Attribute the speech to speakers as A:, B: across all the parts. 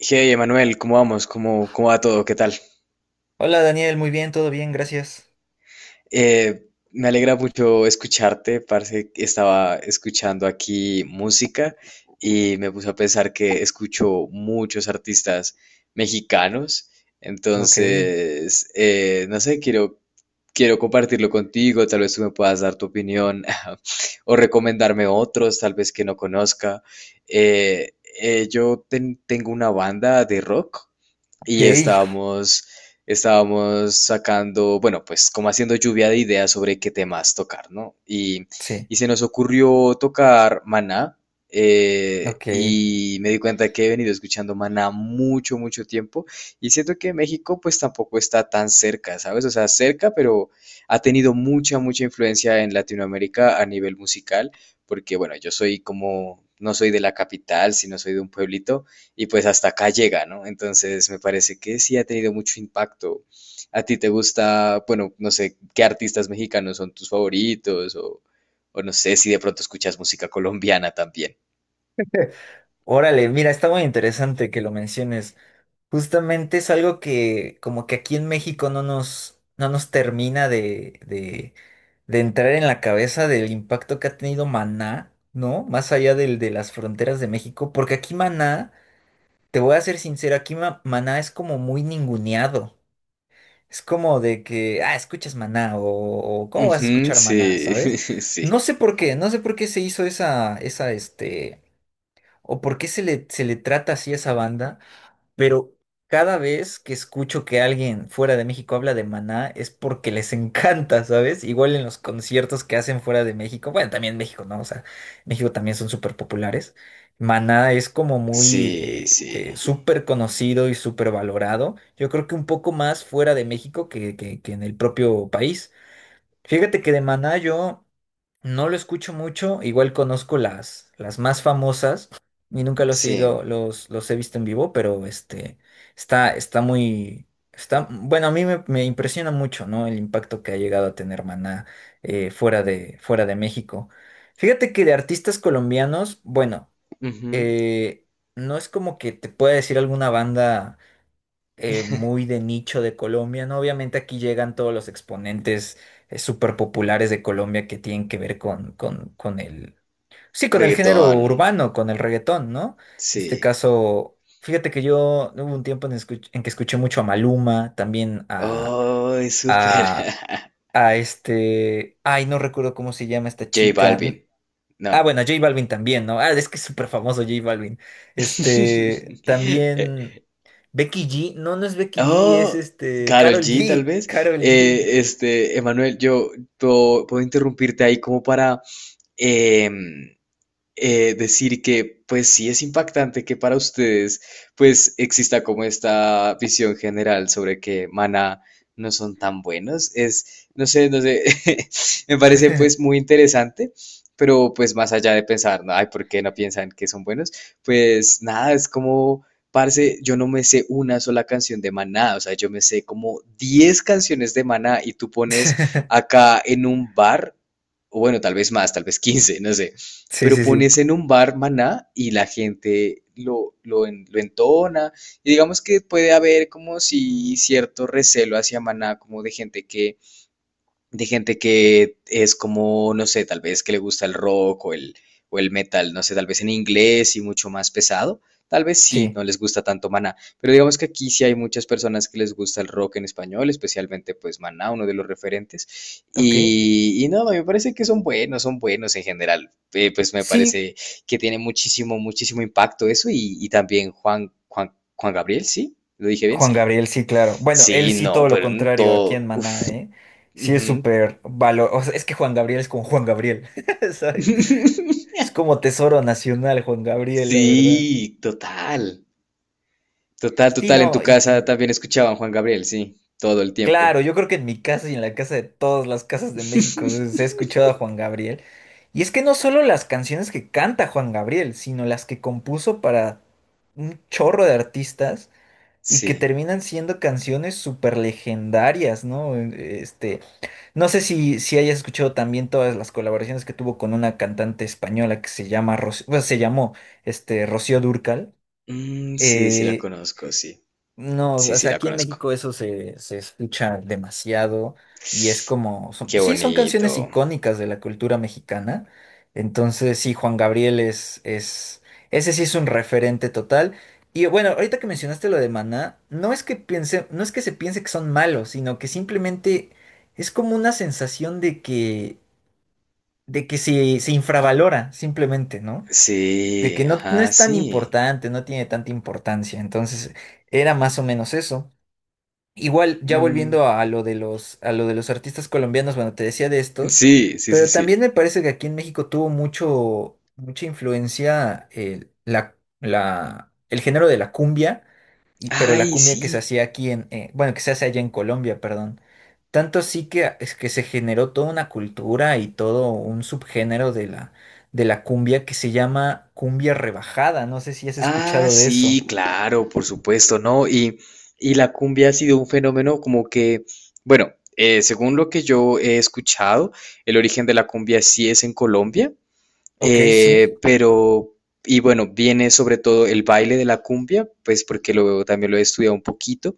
A: Hey, Emanuel, ¿cómo vamos? ¿Cómo va todo? ¿Qué tal?
B: Hola Daniel, muy bien, todo bien, gracias.
A: Me alegra mucho escucharte, parce. Estaba escuchando aquí música y me puse a pensar que escucho muchos artistas mexicanos.
B: Ok,
A: Entonces, no sé, quiero compartirlo contigo. Tal vez tú me puedas dar tu opinión o recomendarme otros, tal vez que no conozca. Eh, Tengo una banda de rock.
B: ok,
A: Y estábamos sacando, bueno, pues como haciendo lluvia de ideas sobre qué temas tocar, ¿no?
B: sí,
A: Y se nos ocurrió tocar Maná,
B: ok.
A: y me di cuenta que he venido escuchando Maná mucho tiempo, y siento que México pues tampoco está tan cerca, ¿sabes? O sea, cerca, pero ha tenido mucha influencia en Latinoamérica a nivel musical, porque bueno, yo soy como, no soy de la capital, sino soy de un pueblito, y pues hasta acá llega, ¿no? Entonces me parece que sí ha tenido mucho impacto. ¿A ti te gusta, bueno, no sé, qué artistas mexicanos son tus favoritos o no sé si de pronto escuchas música colombiana también?
B: Órale, mira, está muy interesante que lo menciones. Justamente es algo que como que aquí en México no nos termina de entrar en la cabeza del impacto que ha tenido Maná, ¿no? Más allá de las fronteras de México, porque aquí Maná, te voy a ser sincero, aquí Maná es como muy ninguneado. Es como de que, ah, escuchas Maná o, ¿cómo vas a
A: Ujú,
B: escuchar
A: sí,
B: Maná, sabes?
A: sí,
B: No sé por qué, no sé por qué se hizo esa, o por qué se le trata así a esa banda. Pero cada vez que escucho que alguien fuera de México habla de Maná es porque les encanta, ¿sabes? Igual en los conciertos que hacen fuera de México, bueno, también México, ¿no? O sea, México también son súper populares. Maná es como muy
A: sí, sí,
B: súper conocido y súper valorado. Yo creo que un poco más fuera de México que en el propio país. Fíjate que de Maná yo... No lo escucho mucho, igual conozco las más famosas y nunca
A: sí.
B: los he visto en vivo, pero está muy, está, bueno, a me impresiona mucho, ¿no? El impacto que ha llegado a tener Maná fuera fuera de México. Fíjate que de artistas colombianos, bueno,
A: Ujú.
B: eh, no es como que te pueda decir alguna banda muy de nicho de Colombia, ¿no? Obviamente aquí llegan todos los exponentes súper populares de Colombia que tienen que ver con el, sí, con el género
A: Reggaetón,
B: urbano, con el reggaetón, ¿no? En este
A: sí.
B: caso, fíjate que yo hubo un tiempo en que escuché mucho a Maluma, también
A: Oh, es súper.
B: a, a ay, no recuerdo cómo se llama esta
A: J
B: chica.
A: Balvin,
B: Ah,
A: no.
B: bueno, J Balvin también, ¿no? Ah, es que es súper famoso J Balvin. También Becky G. No, no es Becky G, es
A: Oh, Karol
B: Carol
A: G, tal
B: G.
A: vez.
B: Carol G.
A: Emanuel, yo puedo interrumpirte ahí como para, em, decir que, pues sí es impactante que para ustedes, pues exista como esta visión general sobre que Maná no son tan buenos. Es, no sé, me parece pues muy interesante, pero pues más allá de pensar, ¿no? Ay, ¿por qué no piensan que son buenos? Pues nada, es como, parce, yo no me sé una sola canción de Maná, o sea, yo me sé como 10 canciones de Maná y tú pones acá en un bar, o bueno, tal vez más, tal vez 15, no sé,
B: Sí,
A: pero
B: sí, sí.
A: pones en un bar Maná y la gente lo entona. Y digamos que puede haber como si cierto recelo hacia Maná, como de gente que es como, no sé, tal vez que le gusta el rock o el metal, no sé, tal vez en inglés y mucho más pesado. Tal vez sí,
B: Sí,
A: no les gusta tanto Maná, pero digamos que aquí sí hay muchas personas que les gusta el rock en español, especialmente pues Maná, uno de los referentes.
B: ok.
A: Y no, me parece que son buenos en general. Pues me
B: Sí,
A: parece que tiene muchísimo impacto eso y también Juan Gabriel, ¿sí? ¿Lo dije bien?
B: Juan
A: Sí.
B: Gabriel, sí, claro. Bueno, él
A: Sí,
B: sí
A: no,
B: todo lo
A: pero en
B: contrario aquí en
A: todo. Uf.
B: Maná, ¿eh? Sí es
A: Ujú.
B: súper valor. O sea, es que Juan Gabriel es como Juan Gabriel, ¿sabes? Es como tesoro nacional, Juan Gabriel, la verdad.
A: Sí, total, total,
B: Sí,
A: total. En
B: no,
A: tu
B: y, y
A: casa también escuchaban Juan Gabriel, sí, todo el tiempo.
B: claro, yo creo que en mi casa y en la casa de todas las casas de México se ha escuchado a Juan Gabriel. Y es que no solo las canciones que canta Juan Gabriel, sino las que compuso para un chorro de artistas y que
A: Sí,
B: terminan siendo canciones súper legendarias, ¿no? No sé si hayas escuchado también todas las colaboraciones que tuvo con una cantante española que se llama bueno, se llamó Rocío Dúrcal.
A: mm, sí, sí la
B: Eh,
A: conozco, sí,
B: no,
A: sí,
B: o
A: sí
B: sea,
A: la
B: aquí en
A: conozco.
B: México se escucha demasiado y es como,
A: Qué
B: sí, son
A: bonito.
B: canciones icónicas de la cultura mexicana. Entonces, sí, Juan Gabriel, ese sí es un referente total. Y bueno, ahorita que mencionaste lo de Maná, no es que piense, no es que se piense que son malos, sino que simplemente es como una sensación de que se infravalora, simplemente, ¿no? De que
A: Sí,
B: no, no
A: ajá,
B: es tan
A: sí.
B: importante, no tiene tanta importancia. Entonces, era más o menos eso. Igual, ya
A: Mm,
B: volviendo a lo de los, a lo de los artistas colombianos, bueno, te decía de estos,
A: sí, sí, sí,
B: pero también
A: sí.
B: me parece que aquí en México tuvo mucho, mucha influencia el género de la cumbia, y, pero la
A: Ay,
B: cumbia que se
A: sí.
B: hacía aquí en, bueno, que se hace allá en Colombia, perdón. Tanto sí que, ah, es que se generó toda una cultura y todo un subgénero de la cumbia que se llama cumbia rebajada. No sé si has
A: Ah,
B: escuchado de eso.
A: sí, claro, por supuesto, ¿no? Y la cumbia ha sido un fenómeno como que, bueno, según lo que yo he escuchado, el origen de la cumbia sí es en Colombia.
B: Ok, sí,
A: Eh, pero, y bueno, viene sobre todo el baile de la cumbia, pues porque lo, también lo he estudiado un poquito.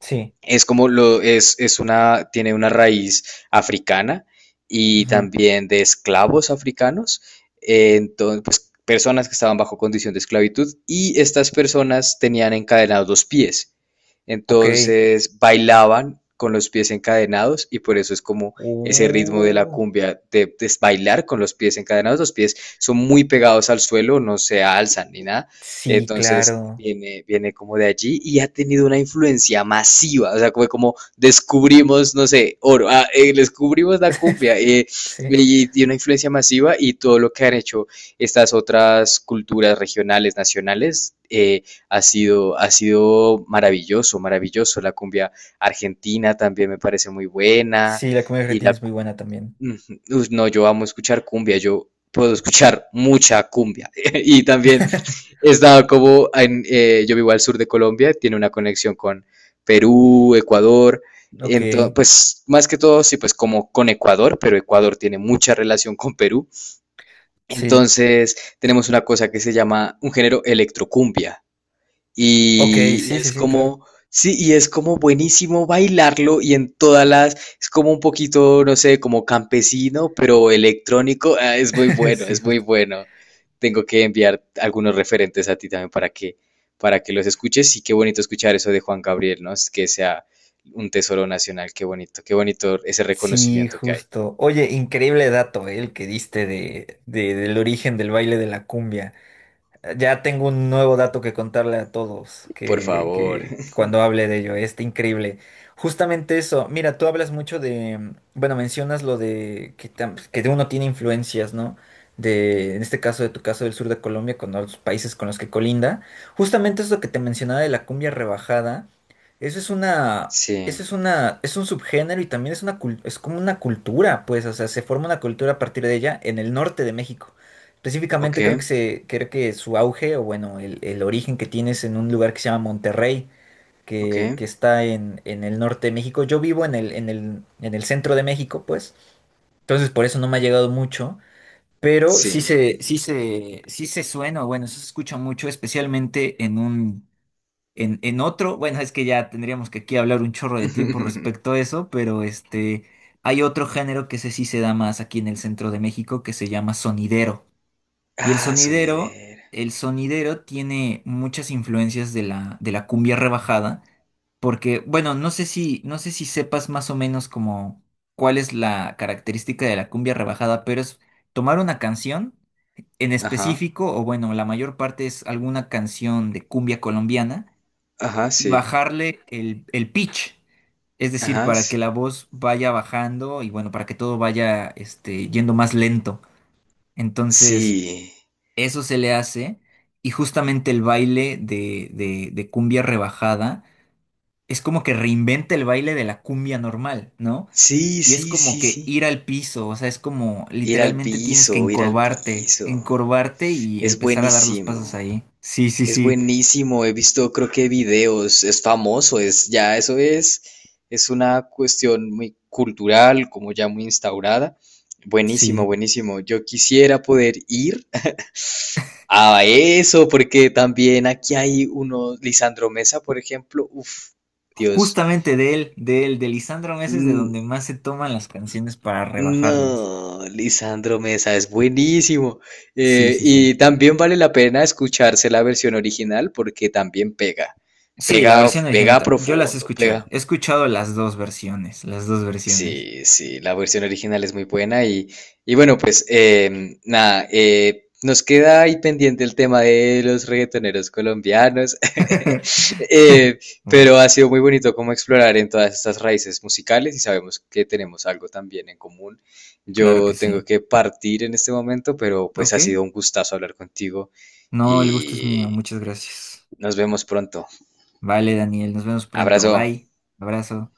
B: sí.
A: Es como lo, es una, tiene una raíz africana y
B: Ujú,
A: también de esclavos africanos. Entonces, pues personas que estaban bajo condición de esclavitud y estas personas tenían encadenados los pies.
B: ok.
A: Entonces bailaban con los pies encadenados y por eso es como ese ritmo de la
B: Uh,
A: cumbia de bailar con los pies encadenados. Los pies son muy pegados al suelo, no se alzan ni nada.
B: sí,
A: Entonces,
B: claro.
A: viene como de allí y ha tenido una influencia masiva, o sea, como, como descubrimos, no sé, oro, descubrimos la cumbia,
B: Sí.
A: y una influencia masiva y todo lo que han hecho estas otras culturas regionales, nacionales, ha sido maravilloso, maravilloso. La cumbia argentina también me parece muy buena
B: Sí, la comida
A: y
B: argentina
A: la
B: es muy buena también.
A: ujú. Uy, no, yo amo escuchar cumbia, yo puedo escuchar mucha cumbia. Y también he estado como en, yo vivo al sur de Colombia, tiene una conexión con Perú, Ecuador.
B: Ok,
A: Entonces, pues más que todo, sí, pues como con Ecuador, pero Ecuador tiene mucha relación con Perú.
B: sí.
A: Entonces, tenemos una cosa que se llama un género electrocumbia.
B: Ok,
A: Y
B: sí, sí,
A: es
B: sí, claro.
A: como, sí, y es como buenísimo bailarlo y en todas las, es como un poquito, no sé, como campesino, pero electrónico. Ah, es muy bueno,
B: Sí,
A: es muy
B: justo.
A: bueno. Tengo que enviar algunos referentes a ti también para que los escuches. Y qué bonito escuchar eso de Juan Gabriel, ¿no? Es que sea un tesoro nacional, qué bonito ese
B: Sí,
A: reconocimiento que hay.
B: justo. Oye, increíble dato, el que diste del origen del baile de la cumbia. Ya tengo un nuevo dato que contarle a todos
A: Por favor.
B: que cuando hable de ello, este increíble. Justamente eso, mira, tú hablas mucho de, bueno, mencionas lo de que de uno tiene influencias, ¿no? De, en este caso, de tu caso del sur de Colombia, con los países con los que colinda. Justamente eso que te mencionaba de la cumbia rebajada, eso es una, eso
A: Sí.
B: es una, es un subgénero y también es una, es como una cultura, pues, o sea, se forma una cultura a partir de ella en el norte de México.
A: Ok,
B: Específicamente creo que su auge, o bueno, el origen que tiene es en un lugar que se llama Monterrey,
A: ok.
B: que está en el norte de México. Yo vivo en el centro de México, pues. Entonces por eso no me ha llegado mucho. Pero
A: Sí.
B: sí se suena, o bueno, sí se escucha mucho, especialmente en otro. Bueno, es que ya tendríamos que aquí hablar un chorro de tiempo respecto a eso, pero hay otro género que ese sí se da más aquí en el centro de México que se llama sonidero. Y
A: Ah, sonidera.
B: el sonidero tiene muchas influencias de la cumbia rebajada, porque, bueno, no sé si sepas más o menos como cuál es la característica de la cumbia rebajada, pero es tomar una canción en
A: Ajá.
B: específico, o bueno, la mayor parte es alguna canción de cumbia colombiana,
A: Ajá,
B: y
A: sí.
B: bajarle el pitch. Es decir,
A: Ajá,
B: para
A: sí.
B: que la voz vaya bajando y bueno, para que todo vaya este, yendo más lento. Entonces.
A: Sí.
B: Eso se le hace y justamente el baile de cumbia rebajada es como que reinventa el baile de la cumbia normal, ¿no?
A: Sí,
B: Y es
A: sí,
B: como
A: sí,
B: que
A: sí.
B: ir al piso, o sea, es como
A: Ir al
B: literalmente tienes que
A: piso, ir al
B: encorvarte,
A: piso.
B: encorvarte y
A: Es
B: empezar a dar los pasos
A: buenísimo.
B: ahí. Sí, sí,
A: Es
B: sí,
A: buenísimo. He visto, creo que videos. Es famoso. Es ya, eso es. Es una cuestión muy cultural, como ya muy instaurada. Buenísimo,
B: sí.
A: buenísimo. Yo quisiera poder ir a eso, porque también aquí hay uno, Lisandro Mesa, por ejemplo. Uf, Dios.
B: Justamente de él, de él, de Lisandro Meses, de
A: Mm,
B: donde más se toman las canciones para rebajarlas.
A: no, Lisandro Mesa es buenísimo.
B: Sí, sí,
A: Y
B: sí.
A: también vale la pena escucharse la versión original porque también pega,
B: Sí, la
A: pega,
B: versión original,
A: pega
B: yo las he
A: profundo,
B: escuchado.
A: pega.
B: He escuchado las dos versiones, las dos versiones.
A: Sí, sí, la versión original es muy buena y bueno, pues nada, nos queda ahí pendiente el tema de los reggaetoneros colombianos, Eh,
B: Vale,
A: pero ha sido muy bonito como explorar en todas estas raíces musicales y sabemos que tenemos algo también en común.
B: claro que
A: Yo
B: sí.
A: tengo que partir en este momento, pero pues
B: Ok.
A: ha sido un gustazo hablar contigo
B: No, el gusto es mío.
A: y
B: Muchas gracias.
A: nos vemos pronto.
B: Vale, Daniel. Nos vemos pronto.
A: Abrazo.
B: Bye. Abrazo.